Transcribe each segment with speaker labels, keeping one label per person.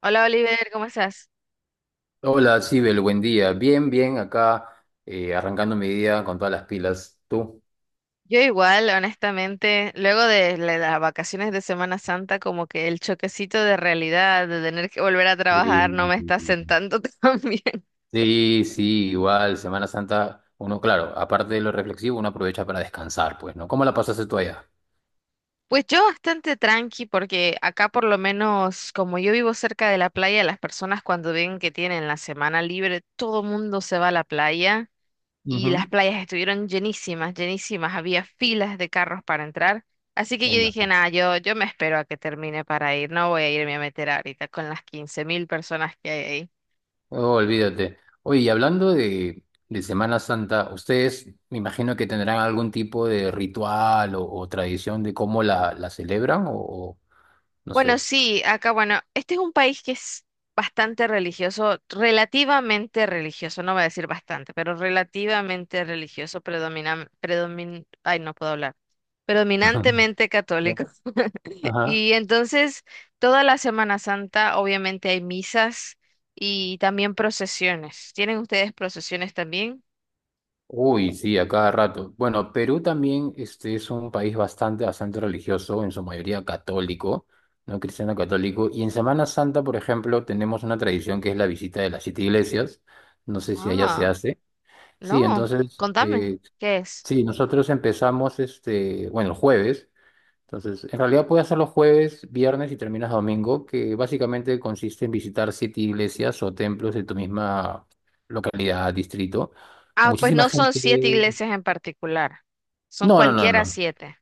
Speaker 1: Hola Oliver, ¿cómo estás?
Speaker 2: Hola, Sibel, buen día. Bien, bien, acá arrancando mi día con todas las pilas. ¿Tú?
Speaker 1: Yo igual, honestamente, luego de las vacaciones de Semana Santa, como que el choquecito de realidad, de tener que volver a
Speaker 2: Sí,
Speaker 1: trabajar, no me está sentando tan bien.
Speaker 2: sí, sí, igual, Semana Santa, uno, claro, aparte de lo reflexivo, uno aprovecha para descansar, pues, ¿no? ¿Cómo la pasaste tú allá?
Speaker 1: Pues yo bastante tranqui, porque acá por lo menos, como yo vivo cerca de la playa, las personas cuando ven que tienen la semana libre, todo mundo se va a la playa. Y las
Speaker 2: Ujú.
Speaker 1: playas estuvieron llenísimas, llenísimas, había filas de carros para entrar. Así que
Speaker 2: Ya
Speaker 1: yo dije,
Speaker 2: imagino.
Speaker 1: nada, yo me espero a que termine para ir, no voy a irme a meter ahorita con las 15,000 personas que hay ahí.
Speaker 2: Oh, olvídate. Oye, y hablando de Semana Santa, ustedes me imagino que tendrán algún tipo de ritual o tradición de cómo la celebran o no
Speaker 1: Bueno,
Speaker 2: sé.
Speaker 1: sí, acá, bueno, este es un país que es bastante religioso, relativamente religioso, no voy a decir bastante, pero relativamente religioso, ay, no puedo hablar, predominantemente católico.
Speaker 2: Ajá.
Speaker 1: Y entonces, toda la Semana Santa, obviamente hay misas y también procesiones. ¿Tienen ustedes procesiones también?
Speaker 2: Uy, sí, a cada rato. Bueno, Perú también este, es un país bastante, bastante religioso, en su mayoría católico, no cristiano católico. Y en Semana Santa, por ejemplo, tenemos una tradición que es la visita de las siete iglesias. No sé si allá se
Speaker 1: Ah,
Speaker 2: hace. Sí,
Speaker 1: no.
Speaker 2: entonces,
Speaker 1: Contame, ¿qué es?
Speaker 2: sí, nosotros empezamos, este, bueno, el jueves. Entonces, en realidad puedes hacer los jueves, viernes y terminas domingo, que básicamente consiste en visitar siete iglesias o templos de tu misma localidad, distrito.
Speaker 1: Ah, pues
Speaker 2: Muchísima
Speaker 1: no son siete
Speaker 2: gente.
Speaker 1: iglesias en particular, son
Speaker 2: No, no, no,
Speaker 1: cualquiera
Speaker 2: no.
Speaker 1: siete.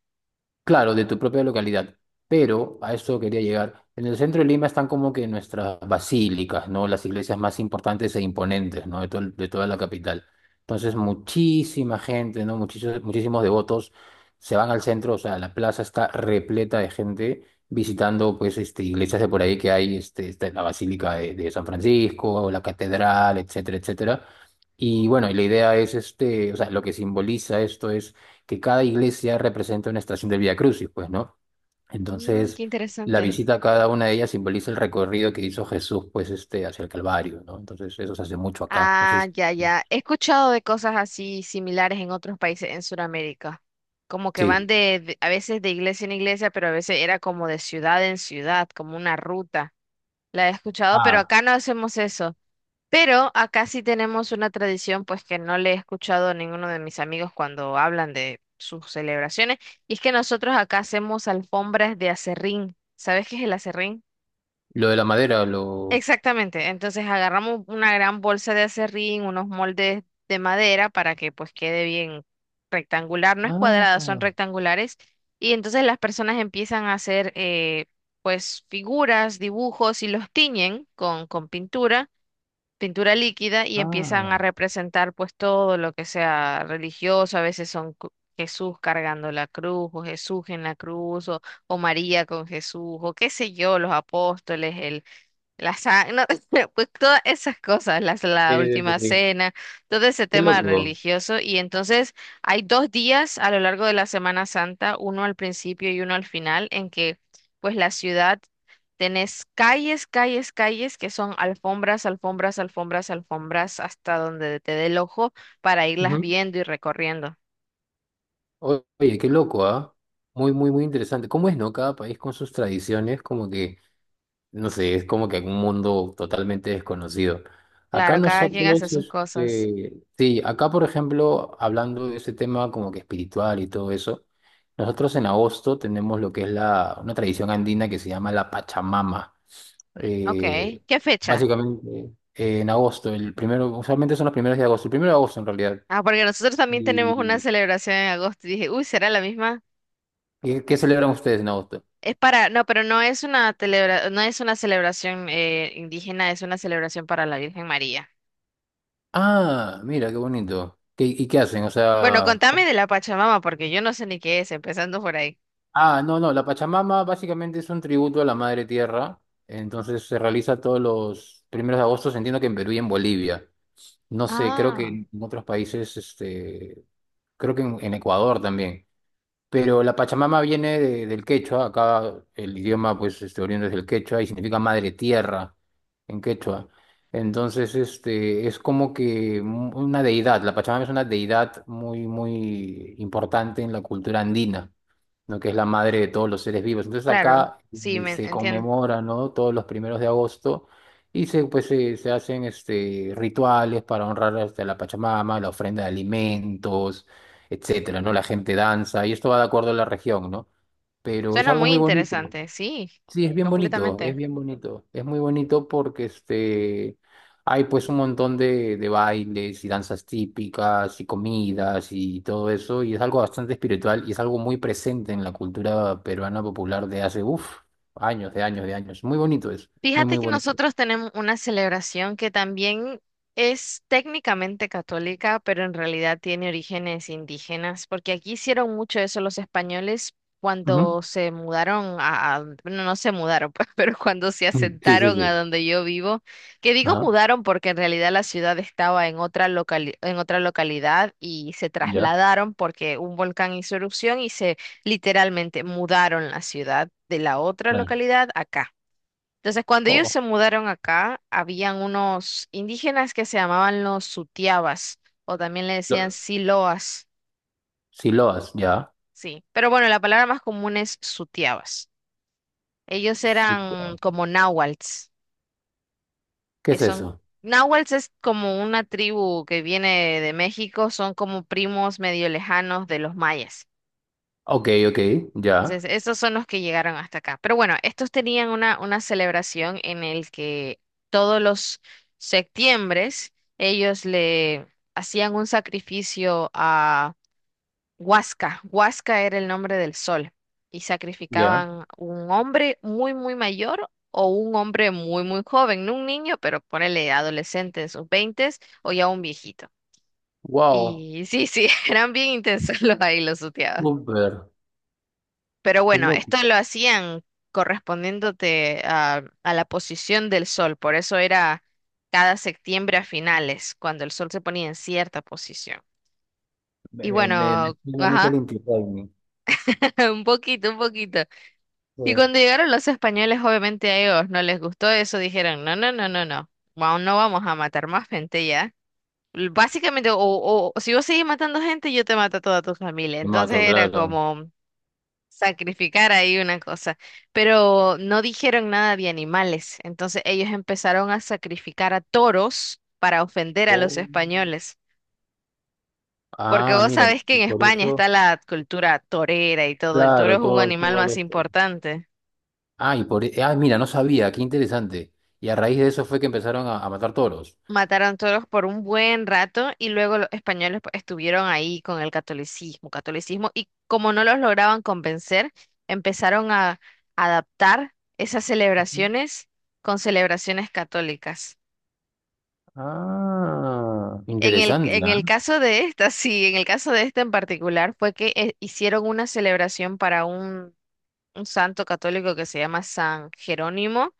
Speaker 2: Claro, de tu propia localidad. Pero a eso quería llegar. En el centro de Lima están como que nuestras basílicas, ¿no? Las iglesias más importantes e imponentes, ¿no? De, todo el- de toda la capital. Entonces, muchísima gente, ¿no? Muchísimos, muchísimos devotos se van al centro, o sea, la plaza está repleta de gente visitando, pues, este, iglesias de por ahí que hay, este, está la Basílica de San Francisco, la Catedral, etcétera, etcétera. Y bueno, y la idea es, este, o sea, lo que simboliza esto que cada iglesia representa una estación del Vía Crucis, pues, ¿no? Entonces,
Speaker 1: Qué
Speaker 2: la
Speaker 1: interesante.
Speaker 2: visita a cada una de ellas simboliza el recorrido que hizo Jesús, pues, este, hacia el Calvario, ¿no? Entonces, eso se hace mucho acá. No sé
Speaker 1: Ah,
Speaker 2: si...
Speaker 1: ya, ya. He escuchado de cosas así similares en otros países en Sudamérica. Como que van
Speaker 2: Sí.
Speaker 1: de, a veces de iglesia en iglesia, pero a veces era como de ciudad en ciudad, como una ruta. La he escuchado, pero
Speaker 2: Ah,
Speaker 1: acá no hacemos eso. Pero acá sí tenemos una tradición, pues que no le he escuchado a ninguno de mis amigos cuando hablan de sus celebraciones, y es que nosotros acá hacemos alfombras de acerrín. ¿Sabes qué es el acerrín?
Speaker 2: lo de la madera, lo...
Speaker 1: Exactamente. Entonces agarramos una gran bolsa de acerrín, unos moldes de madera para que pues quede bien rectangular, no es cuadrada, son
Speaker 2: Ah,
Speaker 1: rectangulares, y entonces las personas empiezan a hacer pues figuras, dibujos y los tiñen con, con pintura líquida y empiezan
Speaker 2: ah.
Speaker 1: a representar pues todo lo que sea religioso, a veces son cru- Jesús cargando la cruz o Jesús en la cruz o María con Jesús o qué sé yo, los apóstoles, no, pues todas esas cosas, la
Speaker 2: Eh,
Speaker 1: última cena, todo ese
Speaker 2: qué
Speaker 1: tema
Speaker 2: loco.
Speaker 1: religioso. Y entonces hay dos días a lo largo de la Semana Santa, uno al principio y uno al final, en que pues la ciudad tenés calles, calles, calles que son alfombras, alfombras, alfombras, alfombras, hasta donde te dé el ojo para irlas
Speaker 2: Ujú.
Speaker 1: viendo y recorriendo.
Speaker 2: Oye, qué loco, ¿ah? Muy, muy, muy interesante. ¿Cómo es, no? Cada país con sus tradiciones, como que no sé, es como que un mundo totalmente desconocido. Acá
Speaker 1: Claro, cada quien hace
Speaker 2: nosotros,
Speaker 1: sus cosas.
Speaker 2: este, sí, acá por ejemplo, hablando de ese tema como que espiritual y todo eso, nosotros en agosto tenemos lo que es la, una tradición andina que se llama la Pachamama.
Speaker 1: Ok,
Speaker 2: Eh,
Speaker 1: ¿qué fecha?
Speaker 2: básicamente, en agosto, el primero, usualmente son los primeros de agosto, el primero de agosto en realidad.
Speaker 1: Ah, porque nosotros también tenemos una
Speaker 2: ¿Y
Speaker 1: celebración en agosto. Y dije, uy, ¿será la misma?
Speaker 2: qué, qué celebran ustedes en agosto?
Speaker 1: Es para, no, pero no es una celebra, no es una celebración indígena, es una celebración para la Virgen María.
Speaker 2: Ah, mira, qué bonito. ¿Qué- y qué hacen? O
Speaker 1: Bueno,
Speaker 2: sea,
Speaker 1: contame de la Pachamama, porque yo no sé ni qué es, empezando por ahí.
Speaker 2: Ah, no, no, la Pachamama básicamente es un tributo a la Madre Tierra, entonces se realiza todos los primeros de agosto, entiendo que en Perú y en Bolivia. No sé, creo que
Speaker 1: Ah,
Speaker 2: en otros países, este, creo que en Ecuador también. Pero la Pachamama viene de- del quechua, acá el idioma pues este, oriundo es del quechua y significa Madre Tierra en quechua. Entonces, este, es como que un- una deidad, la Pachamama es una deidad muy, muy importante en la cultura andina, ¿no? Que es la madre de todos los seres vivos. Entonces
Speaker 1: claro,
Speaker 2: acá
Speaker 1: sí, me
Speaker 2: se
Speaker 1: entiendo.
Speaker 2: conmemora, ¿no? Todos los primeros de agosto y se, pues, se hacen este, rituales para honrar este, a la Pachamama, la ofrenda de alimentos, etcétera, ¿no? La gente danza y esto va de acuerdo a la región, ¿no? Pero es
Speaker 1: Suena
Speaker 2: algo
Speaker 1: muy
Speaker 2: muy bonito.
Speaker 1: interesante, sí,
Speaker 2: Sí, es bien bonito, es
Speaker 1: completamente.
Speaker 2: bien bonito. Es muy bonito porque este, hay pues un montón de bailes y danzas típicas y comidas y todo eso. Y es algo bastante espiritual y es algo muy presente en la cultura peruana popular de hace, uff, años, de años, de años. Muy bonito es, muy,
Speaker 1: Fíjate
Speaker 2: muy
Speaker 1: que
Speaker 2: bonito.
Speaker 1: nosotros tenemos una celebración que también es técnicamente católica, pero en realidad tiene orígenes indígenas, porque aquí hicieron mucho eso los españoles
Speaker 2: Ujú.
Speaker 1: cuando se mudaron a, bueno, no se mudaron, pues, pero cuando se
Speaker 2: Mm, sí, sí,
Speaker 1: asentaron a
Speaker 2: sí.
Speaker 1: donde yo vivo, que digo
Speaker 2: Ajá,
Speaker 1: mudaron porque en realidad la ciudad estaba en otra en otra localidad y se
Speaker 2: ya.
Speaker 1: trasladaron porque un volcán hizo erupción y se literalmente mudaron la ciudad de la otra
Speaker 2: Claro.
Speaker 1: localidad acá. Entonces, cuando ellos
Speaker 2: Oh,
Speaker 1: se mudaron acá, habían unos indígenas que se llamaban los sutiabas, o también le decían
Speaker 2: lo,
Speaker 1: siloas,
Speaker 2: Siloas, ya.
Speaker 1: sí. Pero bueno, la palabra más común es sutiabas. Ellos eran
Speaker 2: Siloa.
Speaker 1: como náhuatls,
Speaker 2: ¿Qué
Speaker 1: que
Speaker 2: es
Speaker 1: son...
Speaker 2: eso?
Speaker 1: Náhuatls es como una tribu que viene de México, son como primos medio lejanos de los mayas.
Speaker 2: Ok, ok, ya,
Speaker 1: Entonces, estos son los que llegaron hasta acá. Pero bueno, estos tenían una celebración en el que todos los septiembres ellos le hacían un sacrificio a Huasca. Huasca era el nombre del sol. Y
Speaker 2: ya.
Speaker 1: sacrificaban un hombre muy, muy mayor o un hombre muy, muy joven. No un niño, pero ponele adolescente en sus veintes o ya un viejito.
Speaker 2: Wow,
Speaker 1: Y sí, sí, eran bien intensos los ahí los sutiados.
Speaker 2: súper,
Speaker 1: Pero
Speaker 2: qué
Speaker 1: bueno,
Speaker 2: loco.
Speaker 1: esto lo hacían correspondiéndote a, la posición del sol, por eso era cada septiembre a finales, cuando el sol se ponía en cierta posición.
Speaker 2: Me,
Speaker 1: Y
Speaker 2: me, me, me
Speaker 1: bueno,
Speaker 2: suena mucho el
Speaker 1: ajá,
Speaker 2: Inti Raymi.
Speaker 1: un poquito, un poquito. Y
Speaker 2: Sí.
Speaker 1: cuando llegaron los españoles, obviamente a ellos no les gustó eso, dijeron, no, no, no, no, no, wow, no vamos a matar más gente ya. L- Básicamente, o, o si vos seguís matando gente, yo te mato a toda tu familia.
Speaker 2: Me
Speaker 1: Entonces
Speaker 2: mato,
Speaker 1: era
Speaker 2: claro.
Speaker 1: como... sacrificar ahí una cosa, pero no dijeron nada de animales, entonces ellos empezaron a sacrificar a toros para ofender a los
Speaker 2: Oh.
Speaker 1: españoles, porque
Speaker 2: Ah,
Speaker 1: vos
Speaker 2: mira,
Speaker 1: sabés que
Speaker 2: y
Speaker 1: en
Speaker 2: por
Speaker 1: España está
Speaker 2: eso,
Speaker 1: la cultura torera y todo, el toro
Speaker 2: claro,
Speaker 1: es un
Speaker 2: todo,
Speaker 1: animal
Speaker 2: todos
Speaker 1: más
Speaker 2: los.
Speaker 1: importante.
Speaker 2: Ah, y por, e, ah, mira, no sabía, qué interesante. Y a raíz de eso fue que empezaron a matar toros.
Speaker 1: Mataron toros por un buen rato y luego los españoles pues, estuvieron ahí con el catolicismo, catolicismo, y como no los lograban convencer, empezaron a adaptar esas
Speaker 2: Ujú.
Speaker 1: celebraciones con celebraciones católicas.
Speaker 2: Ah,
Speaker 1: En el,
Speaker 2: interesante,
Speaker 1: en
Speaker 2: ¿ah?
Speaker 1: el caso de esta, sí, en el caso de esta en particular, fue que hicieron una celebración para un santo católico que se llama San Jerónimo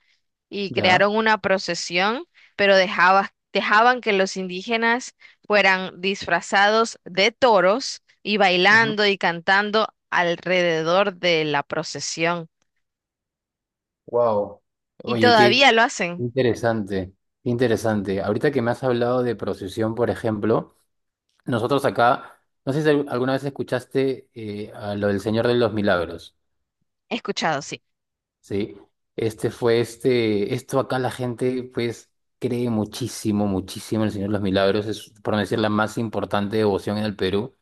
Speaker 1: y
Speaker 2: Ya.
Speaker 1: crearon una procesión, pero dejaban que los indígenas fueran disfrazados de toros y bailando y cantando alrededor de la procesión.
Speaker 2: Wow.
Speaker 1: Y
Speaker 2: Oye, qué
Speaker 1: todavía lo hacen.
Speaker 2: interesante, qué interesante. Ahorita que me has hablado de procesión, por ejemplo. Nosotros acá, no sé si alguna vez escuchaste a lo del Señor de los Milagros,
Speaker 1: He escuchado, sí.
Speaker 2: ¿sí? Este fue este, esto acá la gente pues cree muchísimo, muchísimo en el Señor de los Milagros, es por no decir la más importante devoción en el Perú,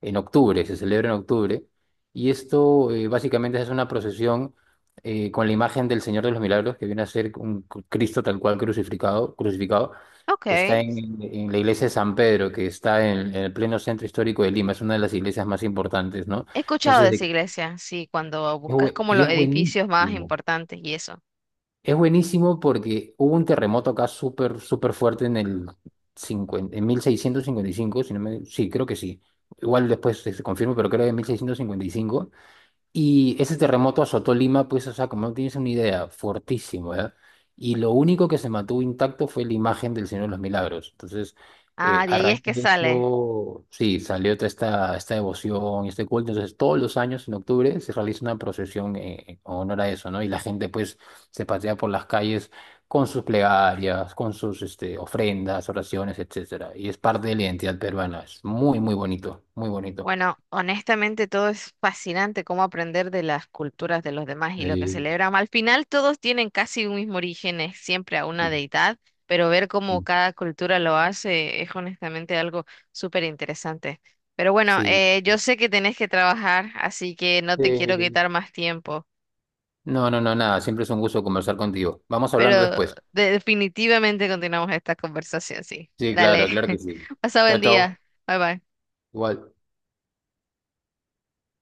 Speaker 2: en octubre, se celebra en octubre, y esto básicamente es una procesión con la imagen del Señor de los Milagros, que viene a ser un Cristo tal cual crucificado, crucificado.
Speaker 1: Ok.
Speaker 2: Está en la iglesia de San Pedro, que está en el pleno centro histórico de Lima. Es una de las iglesias más importantes, ¿no?
Speaker 1: He escuchado de
Speaker 2: Entonces,
Speaker 1: esa
Speaker 2: de-
Speaker 1: iglesia, sí, cuando
Speaker 2: es
Speaker 1: buscas
Speaker 2: bue-
Speaker 1: como
Speaker 2: y
Speaker 1: los
Speaker 2: es
Speaker 1: edificios más
Speaker 2: buenísimo.
Speaker 1: importantes y eso.
Speaker 2: Es buenísimo porque hubo un terremoto acá súper, súper fuerte en el 50 en 1655 si no me, sí, creo que sí. Igual después se confirma, pero creo que en 1655 y ese terremoto azotó Lima, pues, o sea, como no tienes una idea, fortísimo, ¿ya? Y lo único que se mantuvo intacto fue la imagen del Señor de los Milagros. Entonces,
Speaker 1: Ah, de
Speaker 2: a
Speaker 1: ahí es
Speaker 2: raíz
Speaker 1: que
Speaker 2: de
Speaker 1: sale.
Speaker 2: eso, sí, salió toda esta, esta devoción y este culto. Entonces, todos los años en octubre se realiza una procesión en honor a eso, ¿no? Y la gente, pues, se pasea por las calles con sus plegarias, con sus este, ofrendas, oraciones, etcétera. Y es parte de la identidad peruana. Es muy, muy bonito, muy bonito.
Speaker 1: Bueno, honestamente todo es fascinante cómo aprender de las culturas de los demás y lo que
Speaker 2: Eh,
Speaker 1: celebran. Al final todos tienen casi un mismo origen, es siempre a una
Speaker 2: sí,
Speaker 1: deidad, pero ver cómo
Speaker 2: sí.
Speaker 1: cada cultura lo hace es honestamente algo súper interesante. Pero bueno,
Speaker 2: Sí,
Speaker 1: yo sé que tenés que trabajar, así que no te quiero
Speaker 2: sí.
Speaker 1: quitar más tiempo.
Speaker 2: No, no, no, nada. Siempre es un gusto conversar contigo. Vamos hablando
Speaker 1: Pero
Speaker 2: después.
Speaker 1: definitivamente continuamos esta conversación, sí.
Speaker 2: Sí,
Speaker 1: Dale.
Speaker 2: claro, claro que sí.
Speaker 1: Pasa
Speaker 2: Chao,
Speaker 1: buen día.
Speaker 2: chao.
Speaker 1: Bye bye.
Speaker 2: Igual.